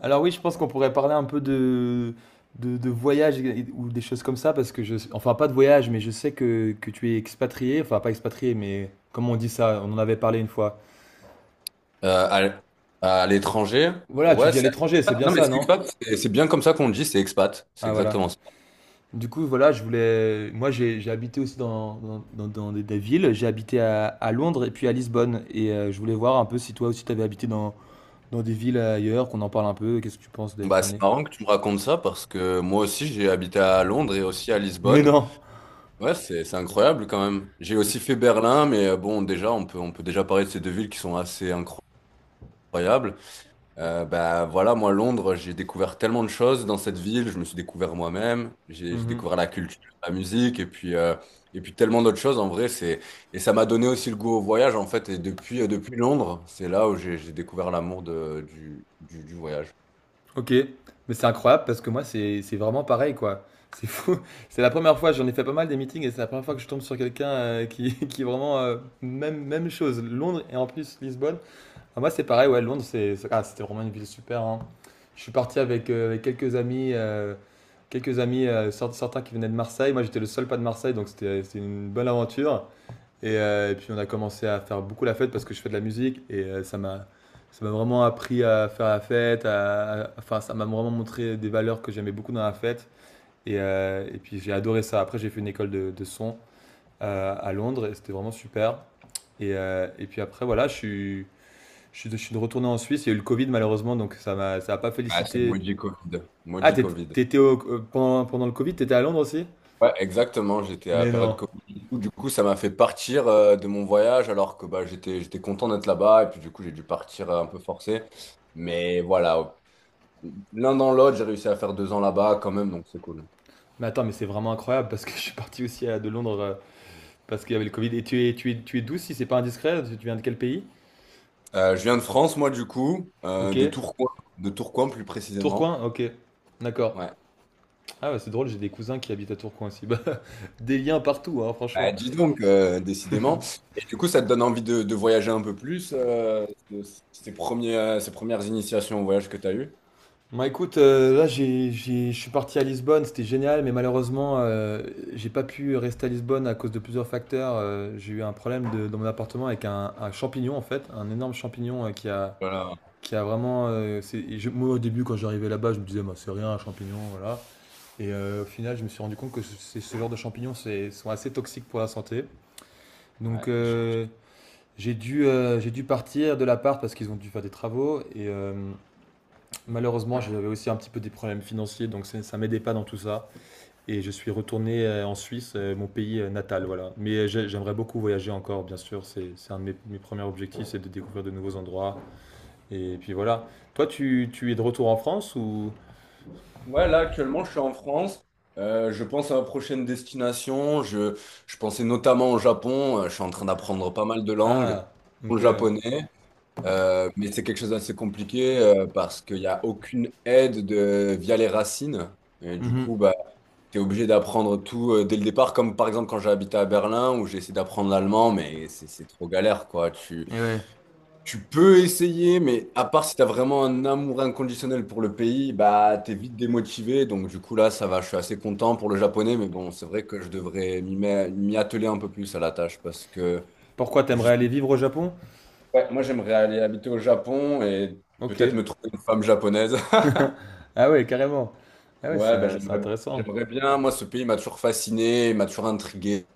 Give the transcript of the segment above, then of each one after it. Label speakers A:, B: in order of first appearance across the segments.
A: Alors oui, je pense qu'on pourrait parler un peu de voyage ou des choses comme ça, parce que je... Enfin, pas de voyage, mais je sais que tu es expatrié, enfin pas expatrié, mais comment on dit ça? On en avait parlé une fois.
B: Euh, à l- à l'étranger,
A: Voilà, tu
B: ouais,
A: vis à
B: c'est
A: l'étranger, c'est
B: expat.
A: bien
B: Non mais
A: ça,
B: c'est
A: non?
B: expat, c'est bien comme ça qu'on le dit, c'est expat, c'est
A: Ah voilà.
B: exactement ça.
A: Du coup, voilà, je voulais... Moi, j'ai habité aussi dans des villes. J'ai habité à Londres et puis à Lisbonne. Et je voulais voir un peu si toi aussi, t'avais habité dans, dans des villes ailleurs, qu'on en parle un peu. Qu'est-ce que tu penses
B: Bon,
A: d'être
B: Bah c'est
A: amené?
B: marrant que tu me racontes ça parce que moi aussi j'ai habité à Londres et aussi à
A: Mais
B: Lisbonne.
A: non!
B: Ouais, c'est incroyable quand même. J'ai aussi fait Berlin, mais bon déjà on peut déjà parler de ces deux villes qui sont assez incroyables. Bah voilà, moi Londres, j'ai découvert tellement de choses dans cette ville, je me suis découvert moi-même, j'ai
A: Mhm.
B: découvert la culture, la musique et puis tellement d'autres choses en vrai, c'est et ça m'a donné aussi le goût au voyage en fait, et depuis depuis Londres, c'est là où j'ai découvert l'amour de du voyage.
A: Ok, mais c'est incroyable parce que moi, c'est vraiment pareil, quoi. C'est fou. C'est la première fois, j'en ai fait pas mal des meetings et c'est la première fois que je tombe sur quelqu'un qui, qui est vraiment même, même chose. Londres et en plus Lisbonne. Ah, moi, c'est pareil, ouais, Londres, ah, c'était vraiment une ville super, hein. Je suis parti avec, avec quelques amis certains qui venaient de Marseille. Moi, j'étais le seul pas de Marseille, donc c'était une bonne aventure. Et puis on a commencé à faire beaucoup la fête parce que je fais de la musique et ça m'a vraiment appris à faire la fête, enfin ça m'a vraiment montré des valeurs que j'aimais beaucoup dans la fête et puis j'ai adoré ça. Après j'ai fait une école de son à Londres et c'était vraiment super. Et puis après voilà je suis retourné en Suisse. Il y a eu le Covid malheureusement donc ça a pas
B: Ah, c'est le
A: félicité.
B: maudit Covid.
A: Ah
B: Maudit
A: t'étais
B: Covid.
A: t'étais au- euh, pendant pendant le Covid t'étais à Londres aussi?
B: Ouais, exactement, j'étais à la
A: Mais
B: période
A: non.
B: Covid. Du coup, ça m'a fait partir de mon voyage alors que bah, j'étais content d'être là-bas et puis du coup, j'ai dû partir un peu forcé. Mais voilà, l'un dans l'autre, j'ai réussi à faire deux ans là-bas quand même, donc c'est cool.
A: Mais attends, mais c'est vraiment incroyable parce que je suis parti aussi à, de Londres, parce qu'il y avait le Covid. Et tu es d'où si c'est pas indiscret? Tu viens de quel pays?
B: Je viens de France, moi, du coup,
A: Ok.
B: de Tourcoing plus précisément.
A: Tourcoing? Ok. D'accord.
B: Ouais.
A: Ah ouais, c'est drôle, j'ai des cousins qui habitent à Tourcoing aussi. Bah, des liens partout, hein,
B: Bah,
A: franchement.
B: dis donc, décidément. Et du coup, ça te donne envie de voyager un peu plus, ces premiers, ces premières initiations au voyage que tu as eues.
A: Bah écoute, là je suis parti à Lisbonne, c'était génial, mais malheureusement j'ai pas pu rester à Lisbonne à cause de plusieurs facteurs. J'ai eu un problème dans mon appartement avec un champignon en fait, un énorme champignon
B: Voilà.
A: qui a vraiment... moi au début quand j'arrivais là-bas, je me disais, bah, c'est rien un champignon, voilà. Et au final, je me suis rendu compte que ce genre de champignons sont assez toxiques pour la santé.
B: Ouais.
A: Donc
B: J-
A: j'ai dû partir de l'appart parce qu'ils ont dû faire des travaux. Et malheureusement, j'avais aussi un petit peu des problèmes financiers, donc ça m'aidait pas dans tout ça. Et je suis retourné en Suisse, mon pays natal, voilà. Mais j'aimerais beaucoup voyager encore, bien sûr. C'est un de mes, mes premiers objectifs, c'est de découvrir de nouveaux endroits. Et puis voilà. Toi, tu es de retour en France ou...
B: ouais, là, actuellement, je suis en France. Je pense à ma prochaine destination. Je pensais notamment au Japon. Je suis en train d'apprendre pas mal de langues,
A: Ah, ok,
B: dont le
A: ouais.
B: japonais. Mais c'est quelque chose d'assez compliqué parce qu'il n'y a aucune aide de, via les racines. Et du
A: Mhm.
B: coup, bah, tu es obligé d'apprendre tout dès le départ, comme par exemple quand j'ai habité à Berlin où j'ai essayé d'apprendre l'allemand, mais c'est trop galère, quoi.
A: Et ouais.
B: Tu peux essayer, mais à part si tu as vraiment un amour inconditionnel pour le pays, bah, tu es vite démotivé. Donc du coup, là, ça va, je suis assez content pour le japonais, mais bon, c'est vrai que je devrais m'y atteler un peu plus à la tâche parce que…
A: Pourquoi t'aimerais aller vivre au Japon?
B: Ouais, moi j'aimerais aller habiter au Japon et peut-être
A: Ok.
B: me trouver une femme japonaise.
A: Ah ouais, carrément. Ah ouais,
B: Ouais, bah,
A: c'est intéressant.
B: j'aimerais bien. Moi, ce pays m'a toujours fasciné, m'a toujours intrigué.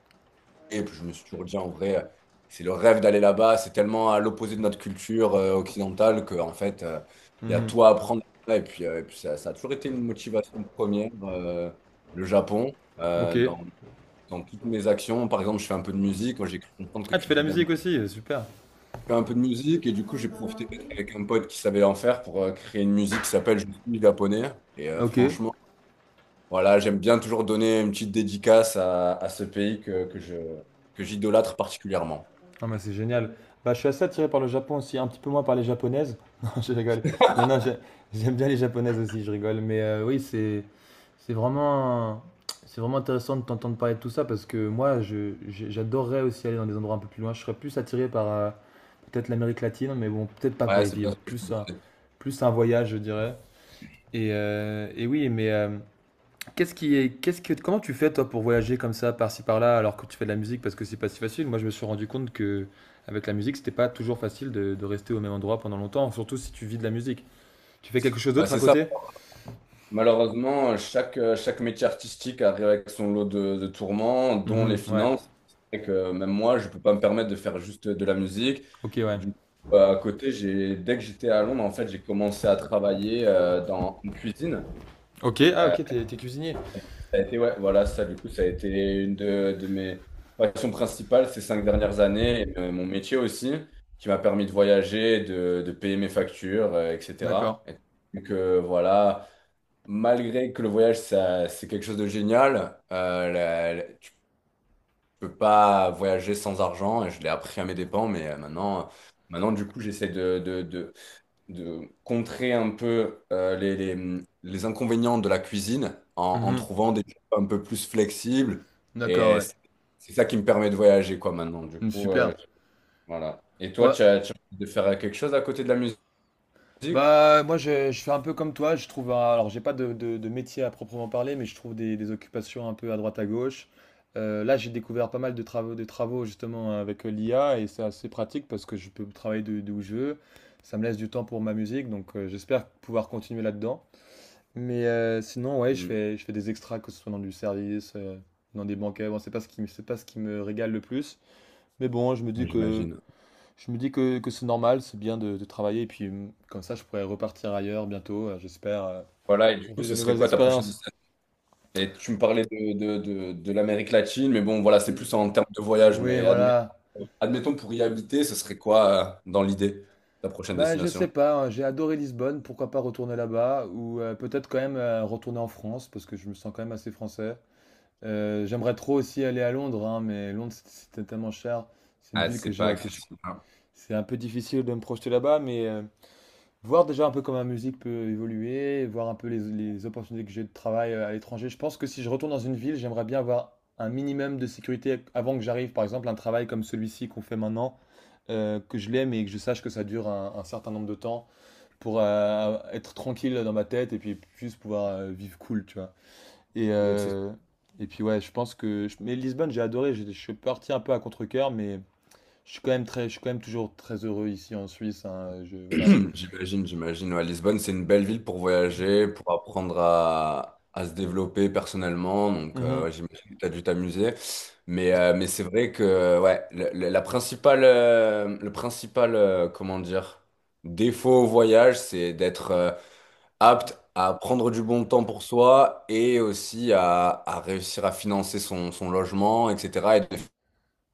B: Et puis je me suis toujours dit, en vrai, c'est le rêve d'aller là-bas. C'est tellement à l'opposé de notre culture occidentale que, en fait, il y a
A: Mhm.
B: tout à apprendre. Et puis ça a toujours été une motivation première, le Japon,
A: Ok.
B: euh, dans, dans toutes mes actions. Par exemple, je fais un peu de musique. Moi, j'ai cru comprendre que
A: Ah, tu
B: tu
A: fais de
B: faisais
A: la
B: de la
A: musique aussi, super.
B: fait un peu de musique, et du coup j'ai profité d'être avec un pote qui savait en faire pour créer une musique qui s'appelle Je suis japonais, et
A: Ok.
B: franchement voilà, j'aime bien toujours donner une petite dédicace à ce pays que je que j'idolâtre particulièrement.
A: Ah bah c'est génial. Bah, je suis assez attiré par le Japon aussi, un petit peu moins par les japonaises. Non, je rigole. Non, non, j'ai- j'aime bien les japonaises aussi, je rigole. Mais oui, c'est vraiment, c'est vraiment intéressant de t'entendre parler de tout ça parce que moi, j'adorerais aussi aller dans des endroits un peu plus loin. Je serais plus attiré par peut-être l'Amérique latine, mais bon, peut-être pas pour
B: Ouais,
A: y
B: c'est bien
A: vivre.
B: ce que je me disais.
A: Plus un voyage, je dirais. Et oui, mais qu'est-ce qui est, qu'est-ce que, comment tu fais toi pour voyager comme ça, par-ci par-là, alors que tu fais de la musique parce que c'est pas si facile. Moi, je me suis rendu compte que avec la musique, c'était pas toujours facile de rester au même endroit pendant longtemps, surtout si tu vis de la musique. Tu fais quelque chose
B: Bah,
A: d'autre à
B: c'est ça
A: côté?
B: malheureusement, chaque métier artistique arrive avec son lot de tourments dont les
A: Mhm, ouais.
B: finances, et que même moi je peux pas me permettre de faire juste de la musique.
A: Ok, ouais.
B: Du coup, à côté j'ai dès que j'étais à Londres en fait j'ai commencé à travailler dans en cuisine.
A: Ok, ah
B: Euh,
A: ok, t'es cuisinier.
B: Ça a été, ouais, voilà, ça, du coup, ça a été une de mes passions principales ces cinq dernières années, et, mon métier aussi, qui m'a permis de voyager, de payer mes factures,
A: D'accord.
B: etc. Et donc, voilà, malgré que le voyage, ça, c'est quelque chose de génial, tu peux pas voyager sans argent, et je l'ai appris à mes dépens, mais maintenant, du coup, j'essaie de contrer un peu les inconvénients de la cuisine en, en
A: Mhm,
B: trouvant des choses un peu plus flexibles.
A: d'accord,
B: Et
A: ouais.
B: c'est ça qui me permet de voyager, quoi, maintenant. Du
A: Mm,
B: coup,
A: super.
B: voilà. Et toi,
A: Ouais,
B: tu as envie de faire quelque chose à côté de la musique?
A: bah, moi, je fais un peu comme toi. Je trouve, alors, j'ai pas de métier à proprement parler, mais je trouve des occupations un peu à droite à gauche. Là, j'ai découvert pas mal de travaux justement avec l'IA et c'est assez pratique parce que je peux travailler de où je veux. Ça me laisse du temps pour ma musique, donc j'espère pouvoir continuer là-dedans. Mais sinon, ouais,
B: Hmm,
A: je fais des extras, que ce soit dans du service, dans des banquets. Bon, c'est pas ce qui me régale le plus. Mais bon,
B: j'imagine.
A: je me dis que c'est normal, c'est bien de travailler, et puis comme ça, je pourrais repartir ailleurs bientôt, j'espère,
B: Voilà, et du
A: pour
B: coup,
A: vivre
B: ce
A: de
B: serait
A: nouvelles
B: quoi ta prochaine
A: expériences.
B: destination? Et tu me parlais de l'Amérique latine, mais bon, voilà, c'est
A: Mm.
B: plus en termes de voyage.
A: Oui,
B: Mais admettons,
A: voilà.
B: admettons pour y habiter, ce serait quoi, dans l'idée, ta prochaine
A: Bah, je
B: destination?
A: sais pas, hein, j'ai adoré Lisbonne, pourquoi pas retourner là-bas, ou peut-être quand même retourner en France, parce que je me sens quand même assez français. J'aimerais trop aussi aller à Londres, hein, mais Londres, c'était tellement cher. C'est une
B: Ah,
A: ville que
B: c'est pas accessible, hein.
A: c'est un peu difficile de me projeter là-bas, mais voir déjà un peu comment ma musique peut évoluer, voir un peu les opportunités que j'ai de travail à l'étranger. Je pense que si je retourne dans une ville, j'aimerais bien avoir un minimum de sécurité avant que j'arrive. Par exemple, un travail comme celui-ci qu'on fait maintenant, que je l'aime et que je sache que ça dure un certain nombre de temps pour être tranquille dans ma tête et puis juste pouvoir vivre cool, tu vois. Et,
B: C'est
A: euh, et puis ouais, je pense que... je- mais Lisbonne, j'ai adoré, je suis parti un peu à contre-cœur, mais je suis quand même toujours très heureux ici en Suisse, hein, je, voilà.
B: J'imagine, j'imagine. Ouais, Lisbonne, c'est une belle ville pour voyager, pour apprendre à se développer personnellement. Donc,
A: Mhm.
B: ouais, j'imagine que tu as dû t'amuser. Mais c'est vrai que ouais, la principale, le principal, comment dire, défaut au voyage, c'est d'être apte à prendre du bon temps pour soi, et aussi à réussir à financer son, son logement, etc.,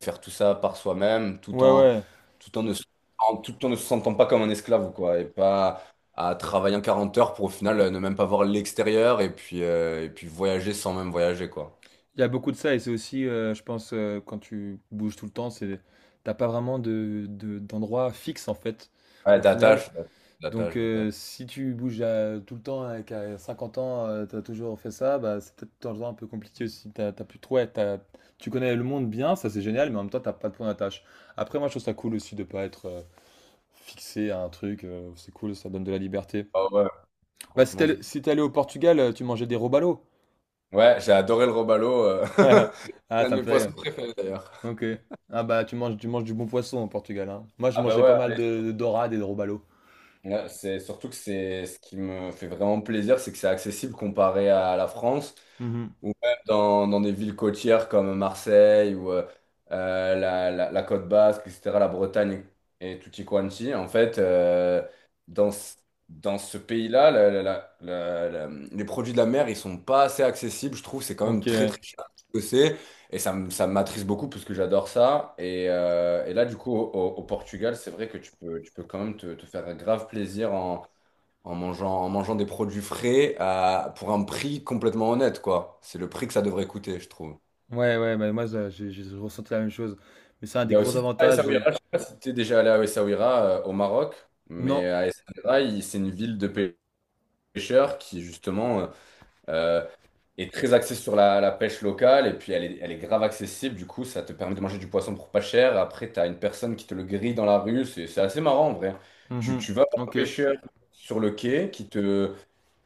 B: faire tout ça par soi-même,
A: Ouais, ouais.
B: tout en ne, se- en- tout en ne se sentant pas comme un esclave, quoi, et pas à travailler en 40 heures pour au final ne même pas voir l'extérieur et puis voyager sans même voyager, quoi.
A: Il y a beaucoup de ça et c'est aussi, je pense, quand tu bouges tout le temps, t'as pas vraiment d'endroit fixe en fait,
B: Ouais,
A: au final.
B: d'attache,
A: Donc
B: d'attache, d'attache.
A: si tu tout le temps et qu'à 50 ans, t'as toujours fait ça, bah, c'est peut-être un endroit un peu compliqué aussi. T'as plus trop, ouais, t'as- tu connais le monde bien, ça c'est génial, mais en même temps, t'as pas de point d'attache. Après, moi, je trouve ça cool aussi de pas être fixé à un truc, c'est cool, ça donne de la liberté.
B: Ah ouais,
A: Bah,
B: franchement.
A: si t'es allé au Portugal, tu mangeais des robalos.
B: Ouais, j'ai adoré le robalo.
A: Ah,
B: C'est un
A: ça
B: de
A: me
B: mes
A: fait
B: poissons
A: rire.
B: préférés d'ailleurs.
A: Ok. Ah bah tu manges du bon poisson au Portugal, hein. Moi je
B: Ah bah
A: mangeais pas mal
B: ouais,
A: de dorade et de robalo.
B: ouais, c'est surtout que c'est ce qui me fait vraiment plaisir, c'est que c'est accessible comparé à la France,
A: Mhm.
B: ou même dans des villes côtières comme Marseille ou la Côte Basque, etc., la Bretagne et tutti quanti, en fait, dans, ce- dans ce pays-là, les produits de la mer, ils sont pas assez accessibles, je trouve, c'est quand même
A: Ok.
B: très
A: Ouais,
B: très cher ce que c'est, et ça, ça m'attriste beaucoup parce que j'adore ça, et là, du coup, au Portugal, c'est vrai que tu peux quand même te faire grave plaisir en mangeant des produits frais pour un prix complètement honnête, quoi. C'est le prix que ça devrait coûter, je trouve.
A: ouais, bah moi ça, j'ai ressenti la même chose. Mais c'est un
B: Il y
A: des
B: a
A: gros
B: aussi ça à
A: avantages de...
B: Essaouira, je sais pas si tu es déjà allé à Essaouira au Maroc, mais
A: Non.
B: à Essaouira, c'est une ville de pêcheurs qui justement euh, est très axée sur la, la pêche locale, et puis elle est grave accessible, du coup ça te permet de manger du poisson pour pas cher. Après, tu as une personne qui te le grille dans la rue, c'est assez marrant en vrai.
A: Mhm.
B: Tu vas voir un
A: Ok. Ouais,
B: pêcheur sur le quai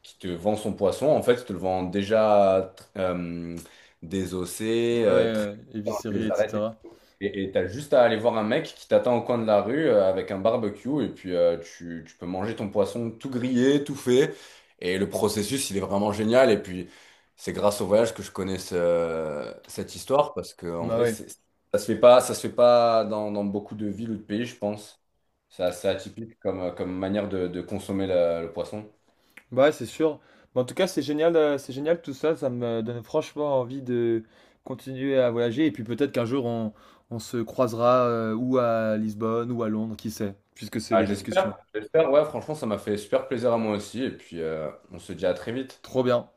B: qui te vend son poisson, en fait, il te le vend déjà désossé,
A: ouais,
B: très
A: éviscéré,
B: les arêtes.
A: etc.
B: Et tu as juste à aller voir un mec qui t'attend au coin de la rue avec un barbecue, et puis tu peux manger ton poisson tout grillé, tout fait. Et le processus, il est vraiment génial. Et puis, c'est grâce au voyage que je connais cette histoire, parce que en
A: Bah
B: vrai,
A: ouais.
B: ça se fait pas, ça se fait pas dans beaucoup de villes ou de pays, je pense. C'est assez atypique comme, comme manière de consommer le poisson.
A: Bah ouais, c'est sûr. Mais en tout cas, c'est génial tout ça. Ça me donne franchement envie de continuer à voyager. Et puis peut-être qu'un jour on se croisera ou à Lisbonne ou à Londres, qui sait, puisque c'est
B: Ah,
A: les discussions.
B: j'espère, j'espère, ouais, franchement, ça m'a fait super plaisir à moi aussi. Et puis, on se dit à très vite.
A: Trop bien.